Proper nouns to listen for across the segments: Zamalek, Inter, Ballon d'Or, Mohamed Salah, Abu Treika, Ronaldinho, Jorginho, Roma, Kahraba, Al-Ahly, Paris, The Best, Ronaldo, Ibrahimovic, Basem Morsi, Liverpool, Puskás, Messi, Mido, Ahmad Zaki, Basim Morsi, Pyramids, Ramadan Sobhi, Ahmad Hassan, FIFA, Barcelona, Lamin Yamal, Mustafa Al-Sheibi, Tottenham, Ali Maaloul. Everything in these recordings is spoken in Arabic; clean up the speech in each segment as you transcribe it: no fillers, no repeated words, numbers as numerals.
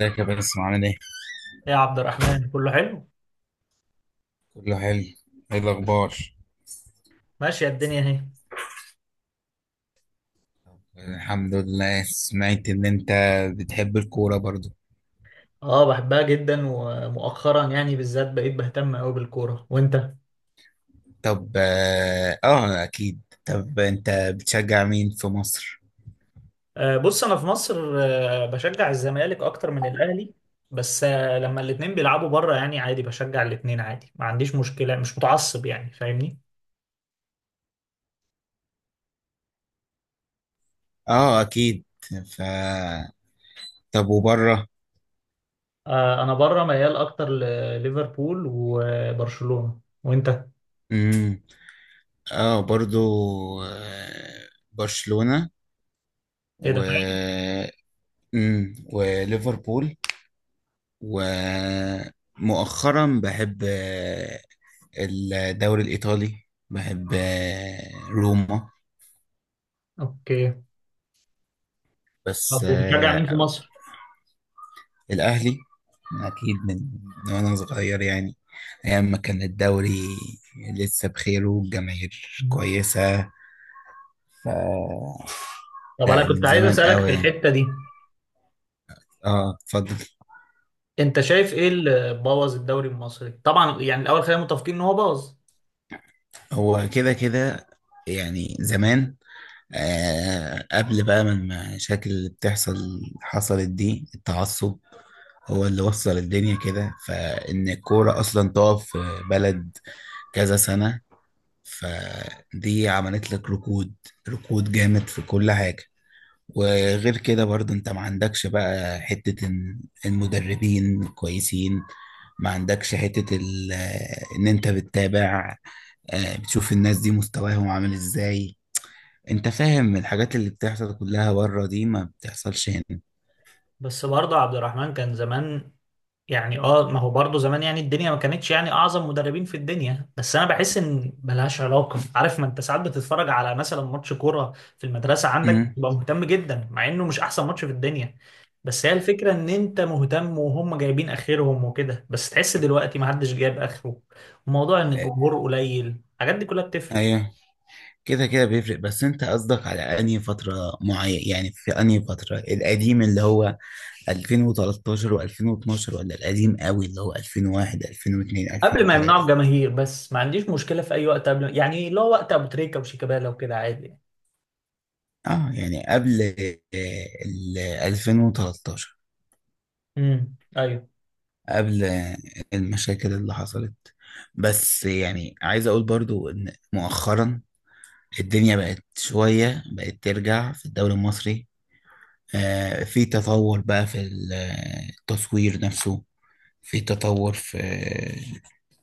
ازيك يا باسم عامل ايه؟ إيه يا عبد الرحمن، كله حلو. كله حلو. ايه الأخبار؟ ماشية الدنيا اهي. الحمد لله. سمعت إن أنت بتحب الكورة برضو. اه بحبها جدا، ومؤخرا يعني بالذات بقيت بهتم قوي بالكورة. وانت؟ طب أكيد. طب أنت بتشجع مين في مصر؟ آه بص، انا في مصر آه بشجع الزمالك اكتر من الاهلي، بس آه لما الاتنين بيلعبوا بره يعني عادي بشجع الاتنين عادي، ما عنديش مشكلة، مش متعصب يعني، فاهمني؟ اه، أكيد. ف طب وبره؟ آه انا بره ميال اكتر لليفربول وبرشلونة. وانت؟ امم اه، برضو، برشلونة ايه و ده! وليفربول، ومؤخرا بحب الدوري الإيطالي. بحب روما. اوكي. بس طب وبتشجع مين في مصر؟ الأهلي، أكيد من وأنا صغير يعني، أيام ما كان الدوري لسه بخير والجماهير كويسة. ف طب لا، انا كنت من عايز زمان اسالك في قوي. الحته دي، اه، اتفضل. انت شايف ايه اللي بوظ الدوري المصري؟ طبعا يعني الاول خلينا متفقين ان هو بوظ. هو كده كده، يعني زمان. قبل بقى، من المشاكل اللي بتحصل حصلت دي التعصب، هو اللي وصل الدنيا كده، فإن الكورة أصلا تقف في بلد كذا سنة. فدي عملت لك ركود، ركود جامد في كل حاجة. وغير كده برضه انت ما عندكش بقى حتة ان المدربين كويسين. ما عندكش حتة ان انت بتتابع، بتشوف الناس دي مستواهم عامل ازاي. انت فاهم الحاجات اللي بتحصل كلها بره دي ما بتحصلش هنا. بس برضه عبد الرحمن، كان زمان يعني اه ما هو برضه زمان يعني الدنيا ما كانتش يعني اعظم مدربين في الدنيا، بس انا بحس ان ملهاش علاقه، عارف؟ ما انت ساعات بتتفرج على مثلا ماتش كوره في المدرسه عندك، امم بتبقى مهتم جدا مع انه مش احسن ماتش في الدنيا. بس هي الفكره ان انت مهتم وهم جايبين اخرهم وكده، بس تحس دلوقتي ما حدش جايب اخره. وموضوع ان الجمهور قليل، الحاجات دي كلها بتفرق. ايوه، كده كده بيفرق. بس انت قصدك على انهي فترة معين، يعني في انهي فترة القديم اللي هو 2013 و2012 ولا القديم قوي اللي هو 2001 2002 قبل ما يمنعوا 2003؟ الجماهير. بس ما عنديش مشكله في اي وقت قبل، يعني لو وقت ابو تريكه وشيكابالا وكده عادي يعني. اه، يعني قبل ال 2013، امم، ايوه. قبل المشاكل اللي حصلت. بس يعني عايز اقول برضو ان مؤخرا الدنيا بقت شوية، بقت ترجع في الدوري المصري. في تطور بقى في التصوير نفسه. في تطور في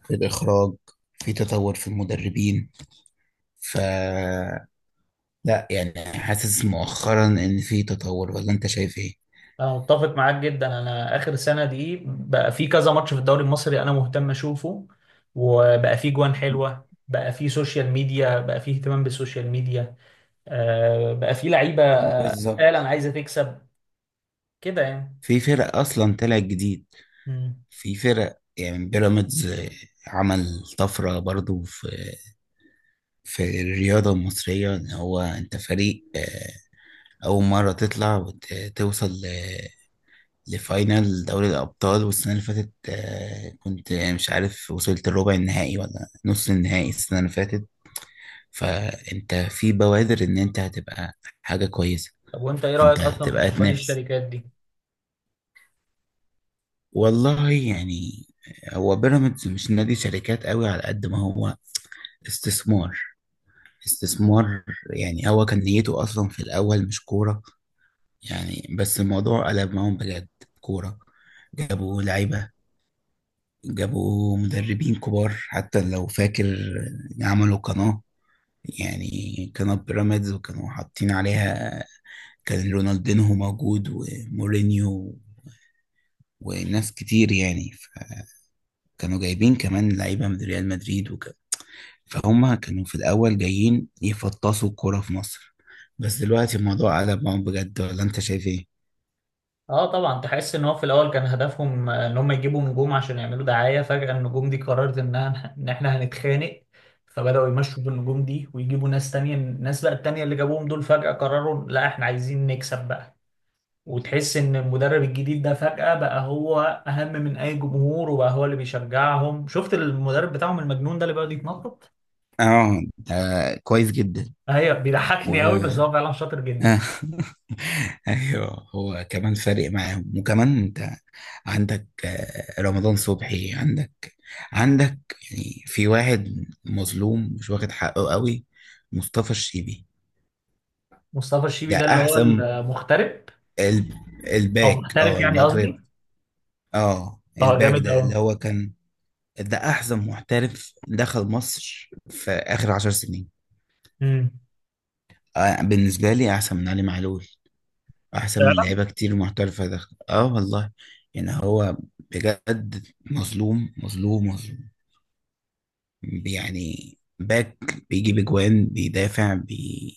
الإخراج. في تطور في المدربين. ف لا يعني، حاسس مؤخرا إن في تطور ولا أنت شايف إيه؟ انا متفق معاك جدا. انا اخر سنه دي بقى في كذا ماتش في الدوري المصري انا مهتم اشوفه. وبقى في جوان حلوه، بقى في سوشيال ميديا، بقى في اهتمام بالسوشيال ميديا. آه بقى في لعيبه بالظبط، فعلا عايزه تكسب كده يعني. في فرق أصلا طلعت جديد. امم. في فرق يعني بيراميدز، عمل طفرة برضو في الرياضة المصرية. إن هو أنت فريق أول مرة تطلع وتوصل لفاينل دوري الأبطال. والسنة اللي فاتت كنت مش عارف وصلت الربع النهائي ولا نص النهائي السنة اللي فاتت. فأنت في بوادر إن أنت هتبقى حاجة كويسة، طب وانت ايه رايك أنت اصلا في هتبقى نوادي تنافس. الشركات دي؟ والله يعني، هو بيراميدز مش نادي شركات قوي على قد ما هو استثمار، استثمار. يعني هو كان نيته أصلا في الأول مش كورة يعني، بس الموضوع قلب معاهم بجد كورة. جابوا لعيبة، جابوا مدربين كبار، حتى لو فاكر. عملوا قناة، يعني قناة بيراميدز، وكانوا حاطين عليها كان رونالدينهو موجود ومورينيو وناس كتير. يعني فكانوا جايبين كمان لعيبة من ريال مدريد وكده. فهم كانوا في الأول جايين يفطسوا الكورة في مصر، بس دلوقتي الموضوع قلب معاهم بجد ولا أنت شايف إيه؟ اه طبعا، تحس ان هو في الاول كان هدفهم ان هم يجيبوا نجوم عشان يعملوا دعايه. فجاه النجوم دي قررت انها ان احنا هنتخانق، فبداوا يمشوا بالنجوم دي ويجيبوا ناس تانية. الناس بقى التانية اللي جابوهم دول فجاه قرروا لا احنا عايزين نكسب بقى. وتحس ان المدرب الجديد ده فجاه بقى هو اهم من اي جمهور، وبقى هو اللي بيشجعهم. شفت المدرب بتاعهم المجنون ده اللي بيقعد يتنطط؟ آه ده كويس جدا، هي و بيضحكني قوي، بس هو فعلا شاطر جدا. آه. ايوه، هو كمان فارق معاهم، وكمان انت عندك رمضان صبحي. عندك يعني في واحد مظلوم مش واخد حقه قوي، مصطفى الشيبي. مصطفى الشيبي ده ده اللي هو احسن المغترب، الب... او الباك، محترف يعني المغرب. قصدي. اه، اه الباك جامد ده اللي هو كان، ده احسن محترف دخل مصر في اخر عشر سنين. قوي. بالنسبه لي احسن من علي معلول، احسن لا من لا. لعيبه كتير محترفه دخل. اه والله يعني، هو بجد مظلوم مظلوم مظلوم. يعني باك بيجيب اجوان، بيدافع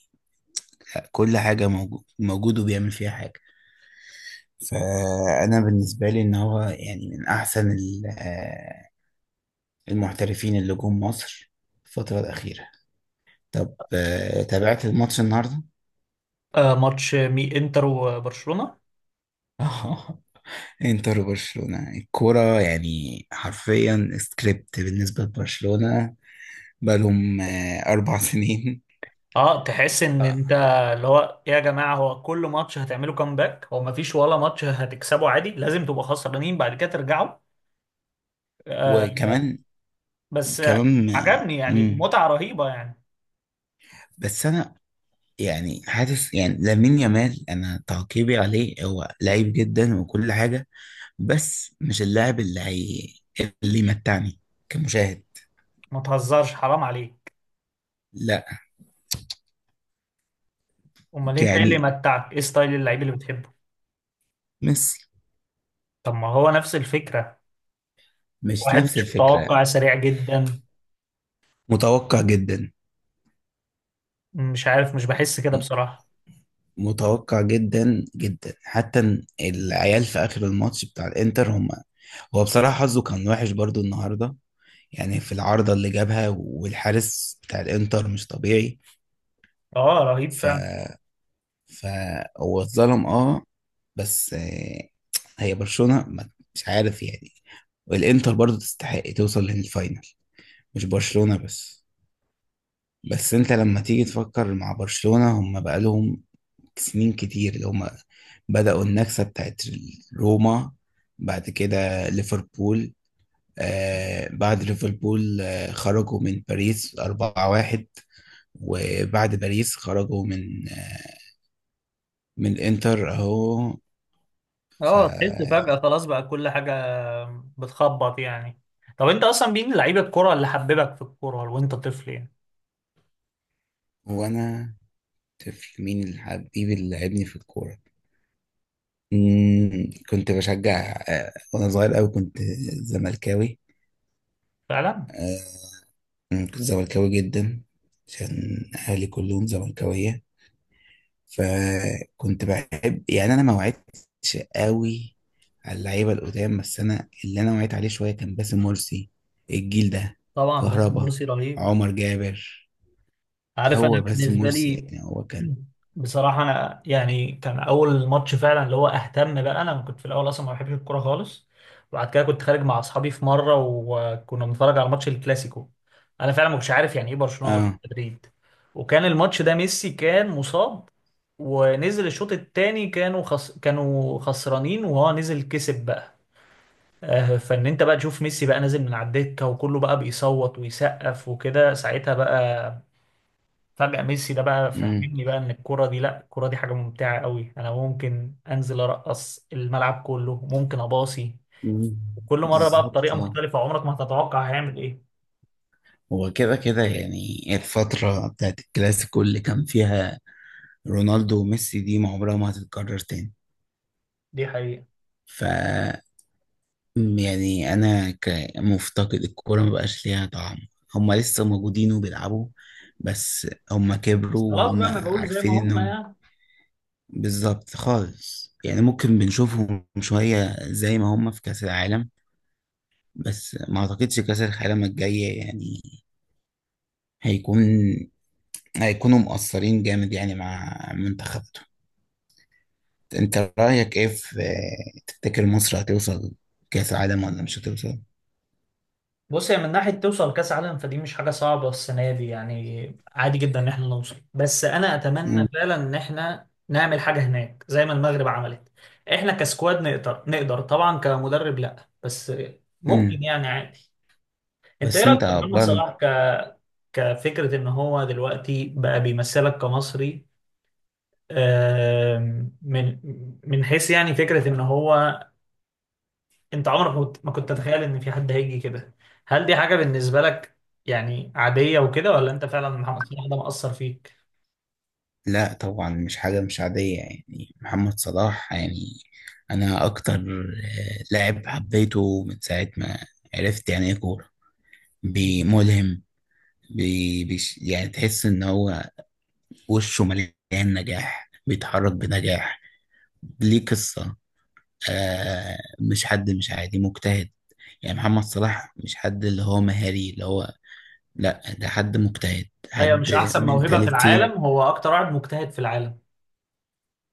لا، كل حاجة موجود موجود وبيعمل فيها حاجة. فأنا بالنسبة لي إن هو يعني من أحسن المحترفين اللي جم مصر الفترة الأخيرة. طب تابعت الماتش النهاردة؟ ماتش مي انتر وبرشلونة. انتر وبرشلونة. الكورة يعني حرفيا سكريبت بالنسبة لبرشلونة، بقالهم أربع سنين. اه تحس ان آه، انت، اللي هو إيه يا جماعة، هو كل ماتش هتعملوا كامباك؟ هو مفيش ولا ماتش هتكسبه عادي؟ لازم تبقوا خسرانين بعد كده ترجعوا. آه. وكمان، بس آه، كمان عجبني، يعني مم. متعة رهيبة يعني. بس انا يعني حاسس يعني لامين يامال، انا تعقيبي عليه هو لعيب جدا وكل حاجه، بس مش اللاعب اللي هي اللي يمتعني كمشاهد. ما تهزرش، حرام عليك. لا امال انت ايه اللي يعني متعك؟ ايه ستايل اللعيب اللي بتحبه؟ ميسي، طب ما هو نفس الفكرة. مش واحد نفس مش الفكره. متوقع، سريع جدا. متوقع جدا، مش عارف، مش بحس كده م- بصراحة. متوقع جدا جدا. حتى العيال في اخر الماتش بتاع الانتر، هم، هو بصراحه حظه كان وحش برضو النهارده، يعني في العارضه اللي جابها، والحارس بتاع الانتر مش طبيعي. اه رهيب ف فعلا. فهو اتظلم اه، بس هي برشلونة مش عارف يعني، والانتر برضو تستحق توصل للفاينل، مش برشلونة بس. بس انت لما تيجي تفكر مع برشلونة، هم بقالهم سنين كتير اللي هم بدأوا النكسة بتاعت روما، بعد كده ليفربول. بعد ليفربول خرجوا من باريس 4-1، وبعد باريس خرجوا من من الانتر اهو. ف اه تحس فجأة خلاص بقى كل حاجة بتخبط يعني. طب انت اصلا مين لعيب الكرة اللي حببك في الكرة وانت طفل يعني؟ وانا طفل، مين اللي حبيبي اللي لعبني في الكوره؟ كنت بشجع وانا صغير قوي كنت زملكاوي. فعلا. آه، كنت زملكاوي جدا عشان اهلي كلهم زملكاويه. فكنت بحب يعني، انا ما وعدتش قوي على اللعيبه القدام، بس انا اللي انا وعيت عليه شويه كان باسم مرسي. الجيل ده طبعا باسم كهربا، مرسي رهيب. عمر جابر. عارف، هو انا باسم بالنسبة مرسي لي يعني هو كان بصراحة انا يعني كان اول ماتش فعلا اللي هو اهتم بقى. انا كنت في الاول اصلا ما بحبش الكرة خالص، وبعد كده كنت خارج مع اصحابي في مرة وكنا بنتفرج على ماتش الكلاسيكو. انا فعلا ما كنتش عارف يعني ايه برشلونة وريال اه مدريد. وكان الماتش ده ميسي كان مصاب، ونزل الشوط التاني كانوا كانوا خسرانين وهو نزل كسب بقى. فان انت بقى تشوف ميسي بقى نازل من على الدكه وكله بقى بيصوت ويسقف وكده، ساعتها بقى فجأة ميسي ده بقى امم فهمني بقى ان الكرة دي، لا الكرة دي حاجة ممتعة قوي، انا ممكن انزل ارقص الملعب كله، ممكن اباصي. وكل مرة بقى بالظبط، بطريقة اه. مختلفة، عمرك ما هتتوقع هيعمل ايه. هو كده كده، يعني الفترة بتاعت الكلاسيكو اللي كان فيها رونالدو وميسي دي ما عمرها ما هتتكرر تاني. دي حقيقة. ف يعني أنا كمفتقد الكورة، ما بقاش ليها طعم. هما لسه موجودين وبيلعبوا، بس هما بس كبروا خلاص وهما بقى ما بقول زي ما عارفين هم إنهم، يعني. بالظبط خالص، يعني ممكن بنشوفهم شوية زي ما هما في كأس العالم، بس ما أعتقدش كأس العالم الجاية يعني هيكون، هيكونوا مقصرين جامد، يعني مع منتخب. انت رأيك ايه في تفتكر مصر هتوصل كأس العالم ولا مش هتوصل؟ بص، هي من ناحية توصل كأس عالم فدي مش حاجة صعبة. السنة دي يعني عادي جدا إن إحنا نوصل، بس أنا أتمنى مم. فعلا إن إحنا نعمل حاجة هناك زي ما المغرب عملت. إحنا كسكواد نقدر، نقدر طبعا. كمدرب لأ، بس مم. ممكن يعني عادي. أنت إيه بس رأيك انت في محمد برضه، صلاح كفكرة إن هو دلوقتي بقى بيمثلك كمصري؟ من من حيث يعني فكرة إن هو، انت عمرك ما كنت تتخيل ان في حد هيجي كده. هل دي حاجة بالنسبة لك يعني عادية وكده، ولا انت فعلا محمد صلاح ده مأثر فيك؟ لا طبعا مش حاجة، مش عادية يعني محمد صلاح، يعني انا اكتر لاعب حبيته من ساعة ما عرفت يعني ايه كورة. ملهم، بيش يعني تحس ان هو وشه مليان نجاح، بيتحرك بنجاح. ليه قصة، مش حد، مش عادي، مجتهد. يعني محمد صلاح مش حد اللي هو مهاري اللي هو، لا ده حد مجتهد، ايوه، مش حد احسن موهبة في منتاليتي. العالم، هو اكتر واحد مجتهد في العالم.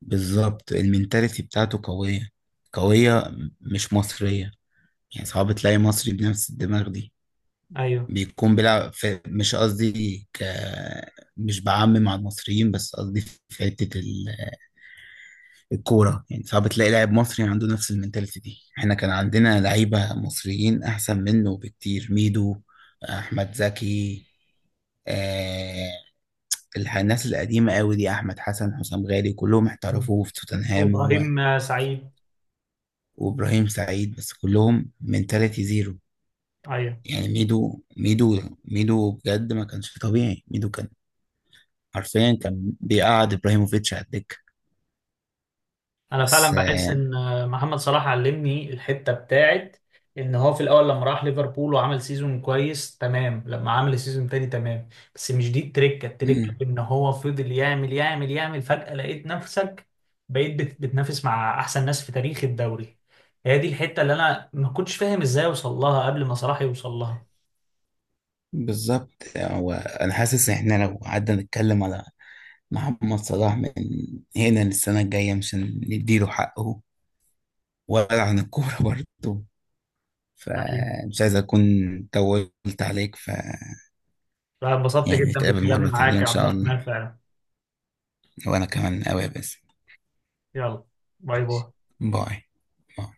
بالظبط، المنتاليتي بتاعته قوية، قوية، مش مصرية. يعني صعب تلاقي مصري بنفس الدماغ دي ايوه. بيكون بيلعب في، مش قصدي مش بعمم مع المصريين، بس قصدي في حتة الكورة، يعني صعب تلاقي لاعب مصري عنده نفس المنتاليتي دي. احنا كان عندنا لعيبة مصريين أحسن منه بكتير، ميدو، أحمد زكي، آه الناس القديمة قوي دي، أحمد حسن، حسام غالي، كلهم مم. احترفوا في توتنهام وابراهيم سعيد. وإبراهيم سعيد. بس كلهم منتاليتي زيرو. ايوه. يعني ميدو ميدو ميدو بجد ما كانش طبيعي، ميدو كان حرفيا كان بيقعد إبراهيموفيتش على الدكة. انا فعلا بس بحس ان محمد صلاح علمني الحته بتاعت ان هو في الاول لما راح ليفربول وعمل سيزون كويس تمام، لما عمل سيزون تاني تمام، بس مش دي التركه. التركه آه في ان هو فضل يعمل يعمل يعمل، فجاه لقيت نفسك بقيت بتنافس مع احسن ناس في تاريخ الدوري. هي دي الحته اللي انا ما كنتش فاهم ازاي اوصل لها قبل ما صلاح يوصل لها. بالظبط. هو انا حاسس ان احنا لو قعدنا نتكلم على محمد صلاح من هنا للسنه الجايه مش هنديله حقه، ولا عن الكوره برضه. يعني فمش عايز اكون طولت عليك. أنا انبسطت يعني جدا نتقابل بالكلام مره تانية معاك ان يا عبد شاء الله، الرحمن فعلا. وانا كمان قوي. بس، يلا، باي باي. باي باي.